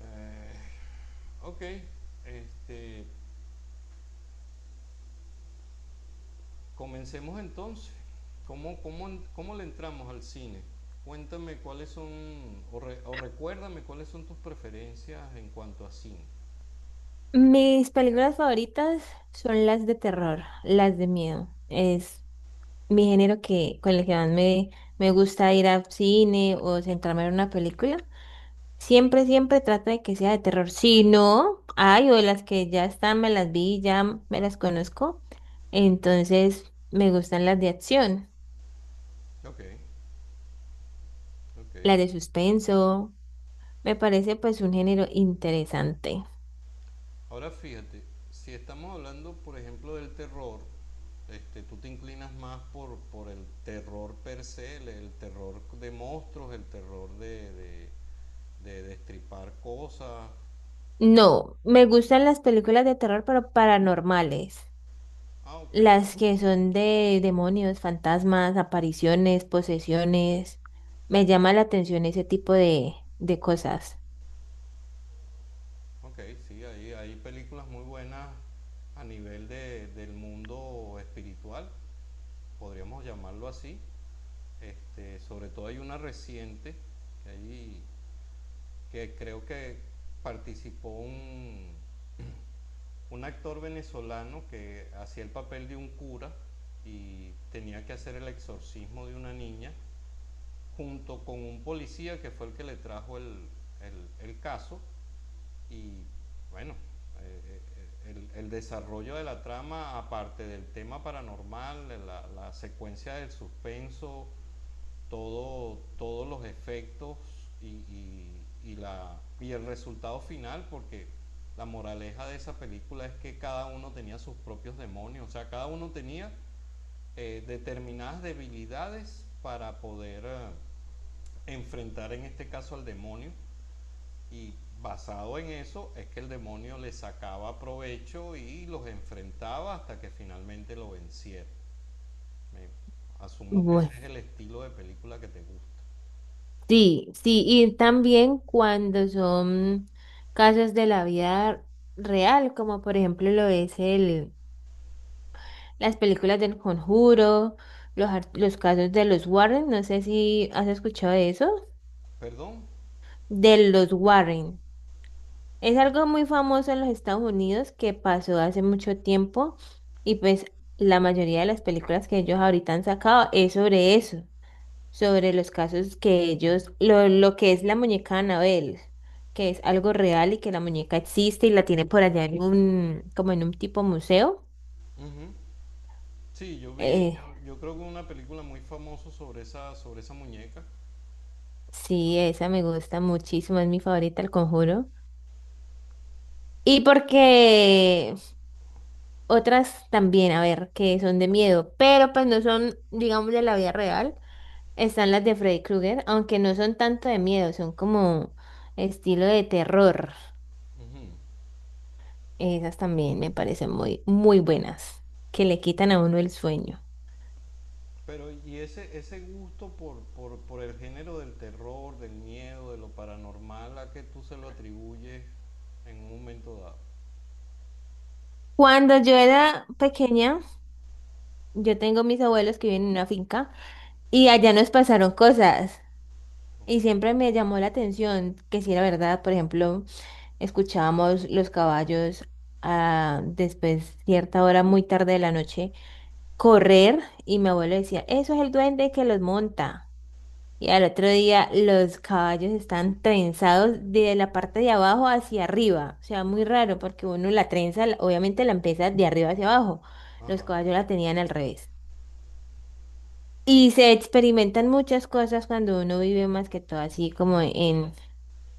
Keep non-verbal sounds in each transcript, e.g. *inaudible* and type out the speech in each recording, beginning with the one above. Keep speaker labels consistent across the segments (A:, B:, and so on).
A: Eh, ok, este, comencemos entonces. ¿Cómo, cómo, Cómo le entramos al cine? Cuéntame cuáles son, o o recuérdame cuáles son tus preferencias en cuanto a cine.
B: Mis películas favoritas son las de terror, las de miedo. Es mi género con el que me gusta ir al cine o centrarme en una película. Siempre trato de que sea de terror. Si no, hay o las que ya están, me las vi, ya me las conozco. Entonces, me gustan las de acción,
A: Ok, ok.
B: las de suspenso. Me parece pues un género interesante.
A: Ahora fíjate, si estamos hablando, por ejemplo, del terror, tú te inclinas más por el terror per se, el terror de monstruos, el terror de destripar cosas.
B: No, me gustan las películas de terror, pero paranormales.
A: Ah, ok.
B: Las que son de demonios, fantasmas, apariciones, posesiones. Me llama la atención ese tipo de cosas.
A: Ok, sí, hay películas muy buenas a nivel del mundo espiritual, podríamos llamarlo así. Sobre todo hay una reciente que, hay- que creo que participó un actor venezolano que hacía el papel de un cura y tenía que hacer el exorcismo de una niña junto con un policía que fue el que le trajo el caso. Y bueno, eh, desarrollo de la trama, aparte del tema paranormal, de la secuencia del suspenso, todos los efectos y el resultado final, porque la moraleja de esa película es que cada uno tenía sus propios demonios, o sea, cada uno tenía determinadas debilidades para poder enfrentar en este caso al demonio y basado en eso es que el demonio le sacaba provecho y los enfrentaba hasta que finalmente lo venciera. Me- Asumo que
B: Bueno,
A: ese es el estilo de película que te gusta.
B: sí, sí, y también cuando son casos de la vida real, como por ejemplo las películas del Conjuro, los casos de los Warren, no sé si has escuchado de eso,
A: ¿Perdón?
B: de los Warren. Es
A: Ah,
B: algo muy famoso en los Estados Unidos que pasó hace mucho tiempo y pues la mayoría de las películas que ellos ahorita han sacado es sobre eso, sobre los casos que lo que es la muñeca Anabel, que es algo real y que la muñeca existe y la tiene por allá en un, como en un tipo museo.
A: ujú. Sí,
B: Eh,
A: yo creo que una película muy famosa sobre esa muñeca.
B: sí, esa me gusta muchísimo, es mi favorita, El Conjuro. Y porque otras también, a ver, que son de miedo, pero pues no son, digamos, de la vida real. Están las de Freddy Krueger, aunque no son tanto de miedo, son como estilo de terror.
A: Ujú.
B: Esas también me parecen muy buenas, que le quitan a uno el sueño.
A: Pero y ese gusto por el género del terror, del miedo, de lo paranormal, ¿a qué tú se lo atribuyes en un momento dado?
B: Cuando yo era pequeña, yo tengo mis abuelos que viven en una finca y allá nos pasaron cosas
A: Ok.
B: y siempre me llamó la atención que si era verdad, por ejemplo, escuchábamos los caballos después cierta hora muy tarde de la noche correr y mi abuelo decía, eso es el duende que los monta. Y al otro día los caballos están trenzados de la parte de abajo hacia arriba. O sea,
A: Ah,
B: muy raro porque uno la trenza, obviamente la empieza de arriba hacia abajo. Los
A: ajá.
B: caballos la tenían al revés. Y se experimentan muchas cosas cuando uno vive más que todo así como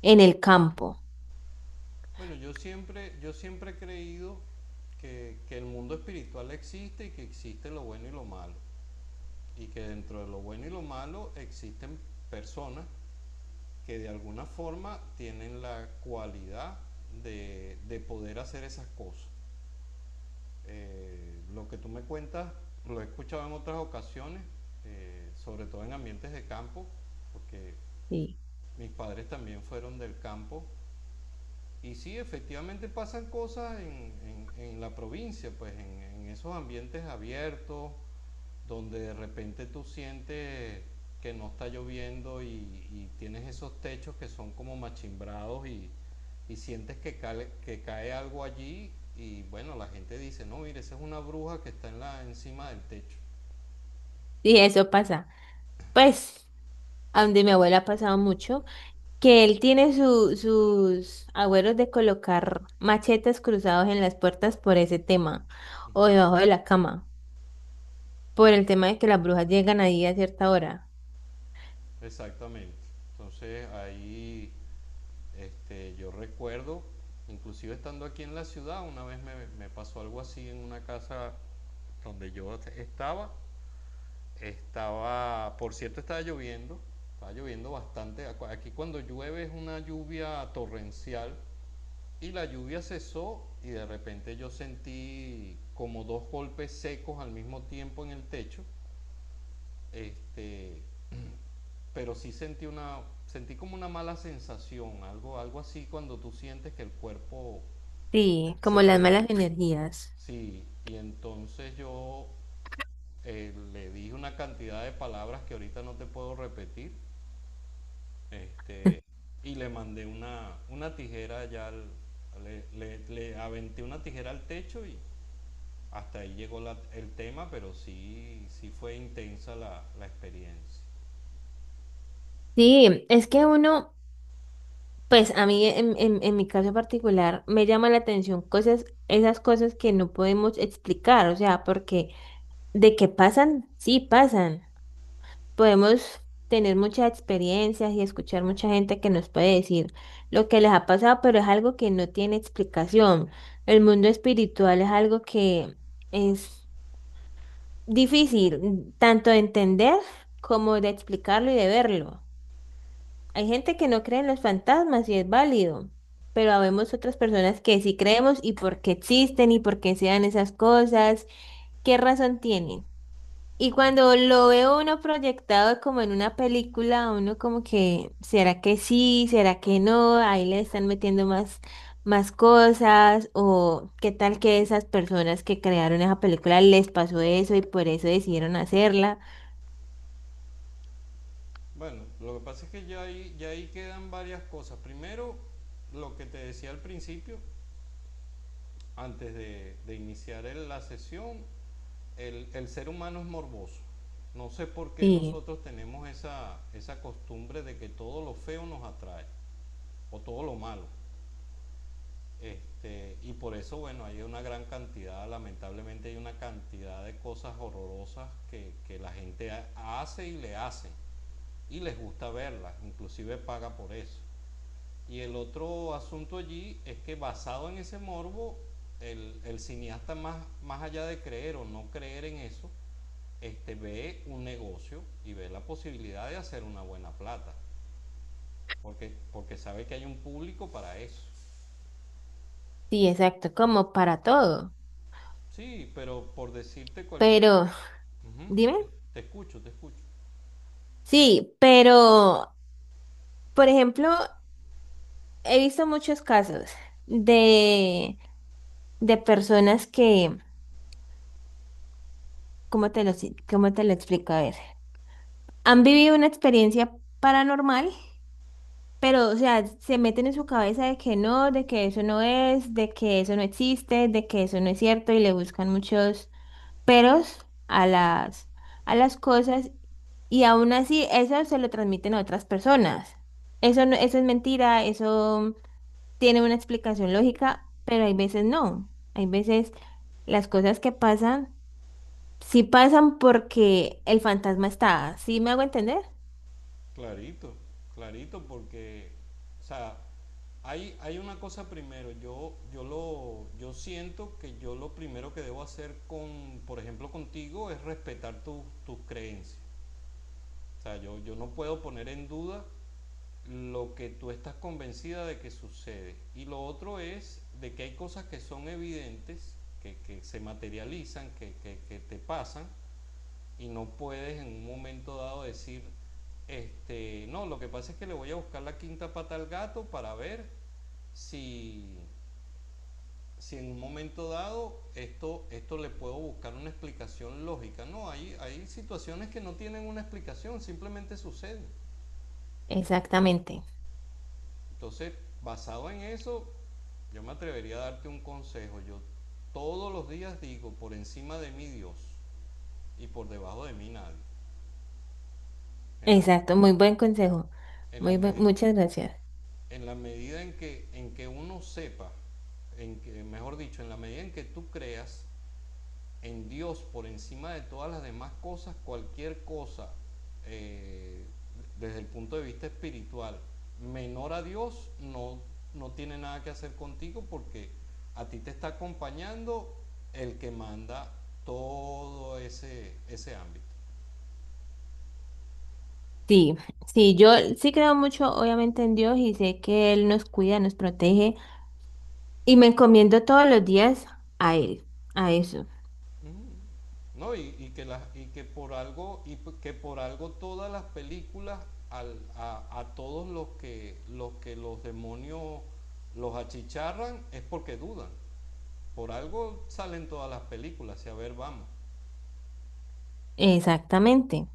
B: en el campo.
A: Bueno, yo siempre he creído que el mundo espiritual existe y que existe lo bueno y lo malo. Y que dentro de lo bueno y lo malo existen personas que de alguna forma tienen la cualidad de poder hacer esas cosas. Lo que tú me cuentas, lo he escuchado en otras ocasiones, sobre todo en ambientes de campo, porque
B: Sí,
A: mis padres también fueron del campo. Y sí, efectivamente pasan cosas en la provincia, pues en esos ambientes abiertos, donde de repente tú sientes que no está lloviendo y tienes esos techos que son como machimbrados y sientes que cae algo allí y bueno, la gente dice, no, mire, esa es una bruja que está en encima del techo.
B: sí, eso pasa. Pues, a donde mi abuela ha pasado mucho. Que él tiene sus agüeros de colocar machetes cruzados en las puertas por ese tema, o
A: Uh-huh.
B: debajo de la cama, por el tema de que las brujas llegan ahí a cierta hora.
A: Exactamente. Entonces ahí yo recuerdo, inclusive estando aquí en la ciudad, me pasó algo así en una casa donde yo estaba. Estaba, por cierto, estaba lloviendo bastante. Aquí cuando llueve es una lluvia torrencial y la lluvia cesó y de repente yo sentí como dos golpes secos al mismo tiempo en el techo. Este, pero sí sentí como una mala sensación, algo así cuando tú sientes que el cuerpo
B: Sí,
A: se
B: como las
A: te...
B: malas energías.
A: Sí, y entonces yo le dije una cantidad de palabras que ahorita no te puedo repetir, este, y le mandé una tijera allá al- le- le aventé una tijera al techo y hasta ahí llegó el tema, pero sí, sí fue intensa la experiencia.
B: Sí, es que uno, pues a mí en mi caso particular me llama la atención cosas, esas cosas que no podemos explicar, o sea, porque de que pasan, sí pasan. Podemos tener muchas experiencias y escuchar mucha gente que nos puede decir lo que les ha pasado, pero es algo que no tiene explicación. El mundo espiritual es algo que es difícil tanto de entender como de explicarlo y de verlo. Hay gente que no cree en los fantasmas y es válido, pero habemos otras personas que sí creemos y por qué existen y por qué se dan esas cosas, qué razón tienen. Y cuando lo veo uno proyectado como en una película, uno como que, ¿será que sí? ¿Será que no? Ahí le están metiendo más, más cosas. O qué tal que esas personas que crearon esa película les pasó eso y por eso decidieron hacerla.
A: Bueno, lo que pasa es que ya ahí quedan varias cosas. Primero, lo que te decía al principio, antes de iniciar la sesión, el ser humano es morboso. No sé por qué
B: Sí,
A: nosotros tenemos esa costumbre de que todo lo feo nos atrae o todo lo malo. Y por eso, bueno, hay una gran cantidad, lamentablemente hay una cantidad de cosas horrorosas que la gente hace y le hacen. Y les gusta verlas, inclusive paga por eso. Y el otro asunto allí es que basado en ese morbo, el cineasta más allá de creer o no creer en eso, ve un negocio y ve la posibilidad de hacer una buena plata, porque sabe que hay un público para eso.
B: sí, exacto, como para todo.
A: Sí, pero por decirte cualquier...
B: Pero,
A: Ujú.
B: dime.
A: Te escucho, te escucho.
B: Sí, pero, por ejemplo, he visto muchos casos de, de personas que, ¿cómo te lo, cómo te lo explico? A ver. Han vivido una experiencia paranormal, pero, o sea, se meten en su cabeza de que no, de que eso no es, de que eso no existe, de que eso no es cierto y le buscan muchos peros a a las cosas y aún así eso se lo transmiten a otras personas. Eso no, eso es mentira, eso tiene una explicación lógica, pero hay veces no. Hay veces las cosas que pasan, sí pasan porque el fantasma está. ¿Sí me hago entender?
A: Clarito, clarito, porque, o sea, hay una cosa primero, yo siento que yo lo primero que debo hacer con, por ejemplo, contigo es respetar tus tus creencias. O sea, yo no puedo poner en duda lo que tú estás convencida de que sucede. Y lo otro es de que hay cosas que son evidentes, que se materializan, que te pasan, y no puedes en un momento dado decir, no, lo que pasa es que le voy a buscar la quinta pata al gato para ver si, si en un momento dado esto le puedo buscar una explicación lógica. No, hay situaciones que no tienen una explicación, simplemente suceden.
B: Exactamente.
A: Entonces, basado en eso, yo me atrevería a darte un consejo. Yo todos los días digo, por encima de mí Dios y por debajo de mí nadie. En la,
B: Exacto, muy buen consejo.
A: en la, me
B: Muchas gracias.
A: en la medida en que uno sepa, en que, mejor dicho, en la medida en que tú creas en Dios por encima de todas las demás cosas, cualquier cosa eh, desde el punto de vista espiritual menor a Dios no tiene nada que hacer contigo porque a ti te está acompañando el que manda todo ese ámbito.
B: Sí, sí, yo sí creo mucho, obviamente, en Dios y sé que Él nos cuida, nos protege y me encomiendo todos los días a Él, a eso.
A: ¿No? Y que las y que por algo y que por algo todas las películas todos los que los demonios los achicharran es porque dudan. Por algo salen todas las películas y a ver, vamos.
B: Exactamente.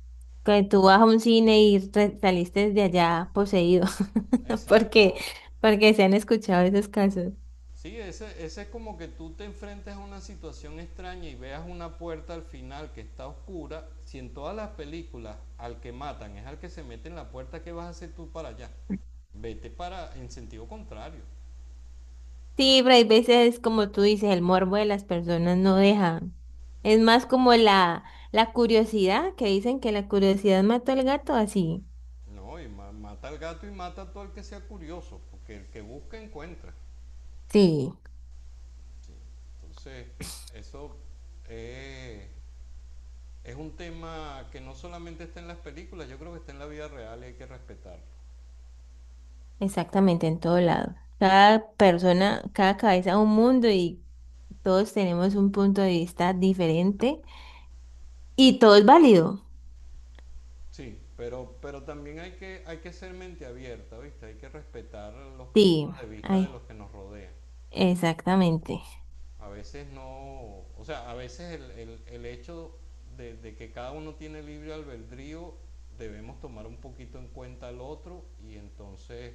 B: Que tú vas
A: Entonces,
B: a un cine y saliste de allá poseído, *laughs* porque,
A: exacto.
B: porque se han escuchado esos casos.
A: Sí, ese es como que tú te enfrentes a una situación extraña y veas una puerta al final que está oscura. Si en todas las películas al que matan es al que se mete en la puerta, ¿qué vas a hacer tú para allá? Vete para en sentido contrario.
B: Sí, pero hay veces, como tú dices, el morbo de las personas no deja. Es más como la curiosidad, que dicen que la curiosidad mató al gato, así.
A: No, mata al gato y mata a todo el que sea curioso, porque el que busca encuentra.
B: Sí,
A: Entonces, eso es es un tema que no solamente está en las películas, yo creo que está en la vida real y hay que respetarlo.
B: exactamente, en todo lado. Cada persona, cada cabeza un mundo y todos tenemos un punto de vista diferente y todo es válido.
A: Sí, pero también hay que ser mente abierta, ¿viste? Hay que respetar los
B: Sí,
A: puntos de vista de
B: ay,
A: los que nos rodean.
B: exactamente,
A: A veces no, o sea, a veces el hecho que cada uno tiene libre albedrío, debemos tomar un poquito en cuenta al otro y entonces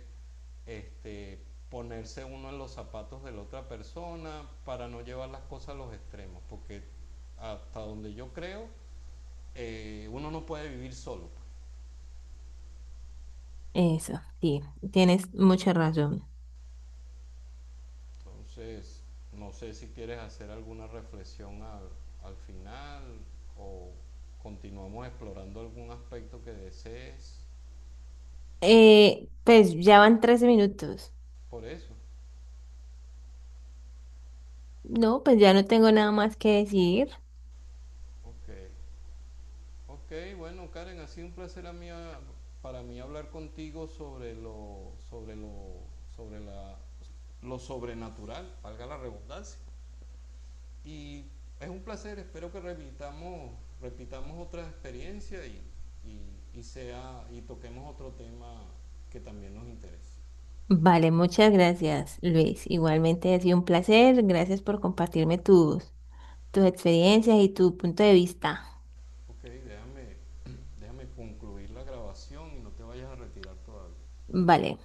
A: este, ponerse uno en los zapatos de la otra persona para no llevar las cosas a los extremos, porque hasta donde yo creo, uno no puede vivir solo. Pues.
B: eso, sí, tienes mucha razón.
A: Entonces, no sé si quieres hacer alguna reflexión al final o continuamos explorando algún aspecto que desees.
B: Pues ya van 13 minutos.
A: Por eso.
B: No, pues ya no tengo nada más que decir.
A: Ok. Ok, bueno, Karen, ha sido un placer para mí hablar contigo sobre la lo sobrenatural, valga la redundancia. Y es un placer, espero repitamos otra experiencia y toquemos otro tema que también nos interese.
B: Vale, muchas gracias, Luis. Igualmente ha sido un placer. Gracias por compartirme tus, tus experiencias y tu punto de vista.
A: Ok, déjame, déjame concluir la grabación y no te vayas a retirar todavía.
B: Vale.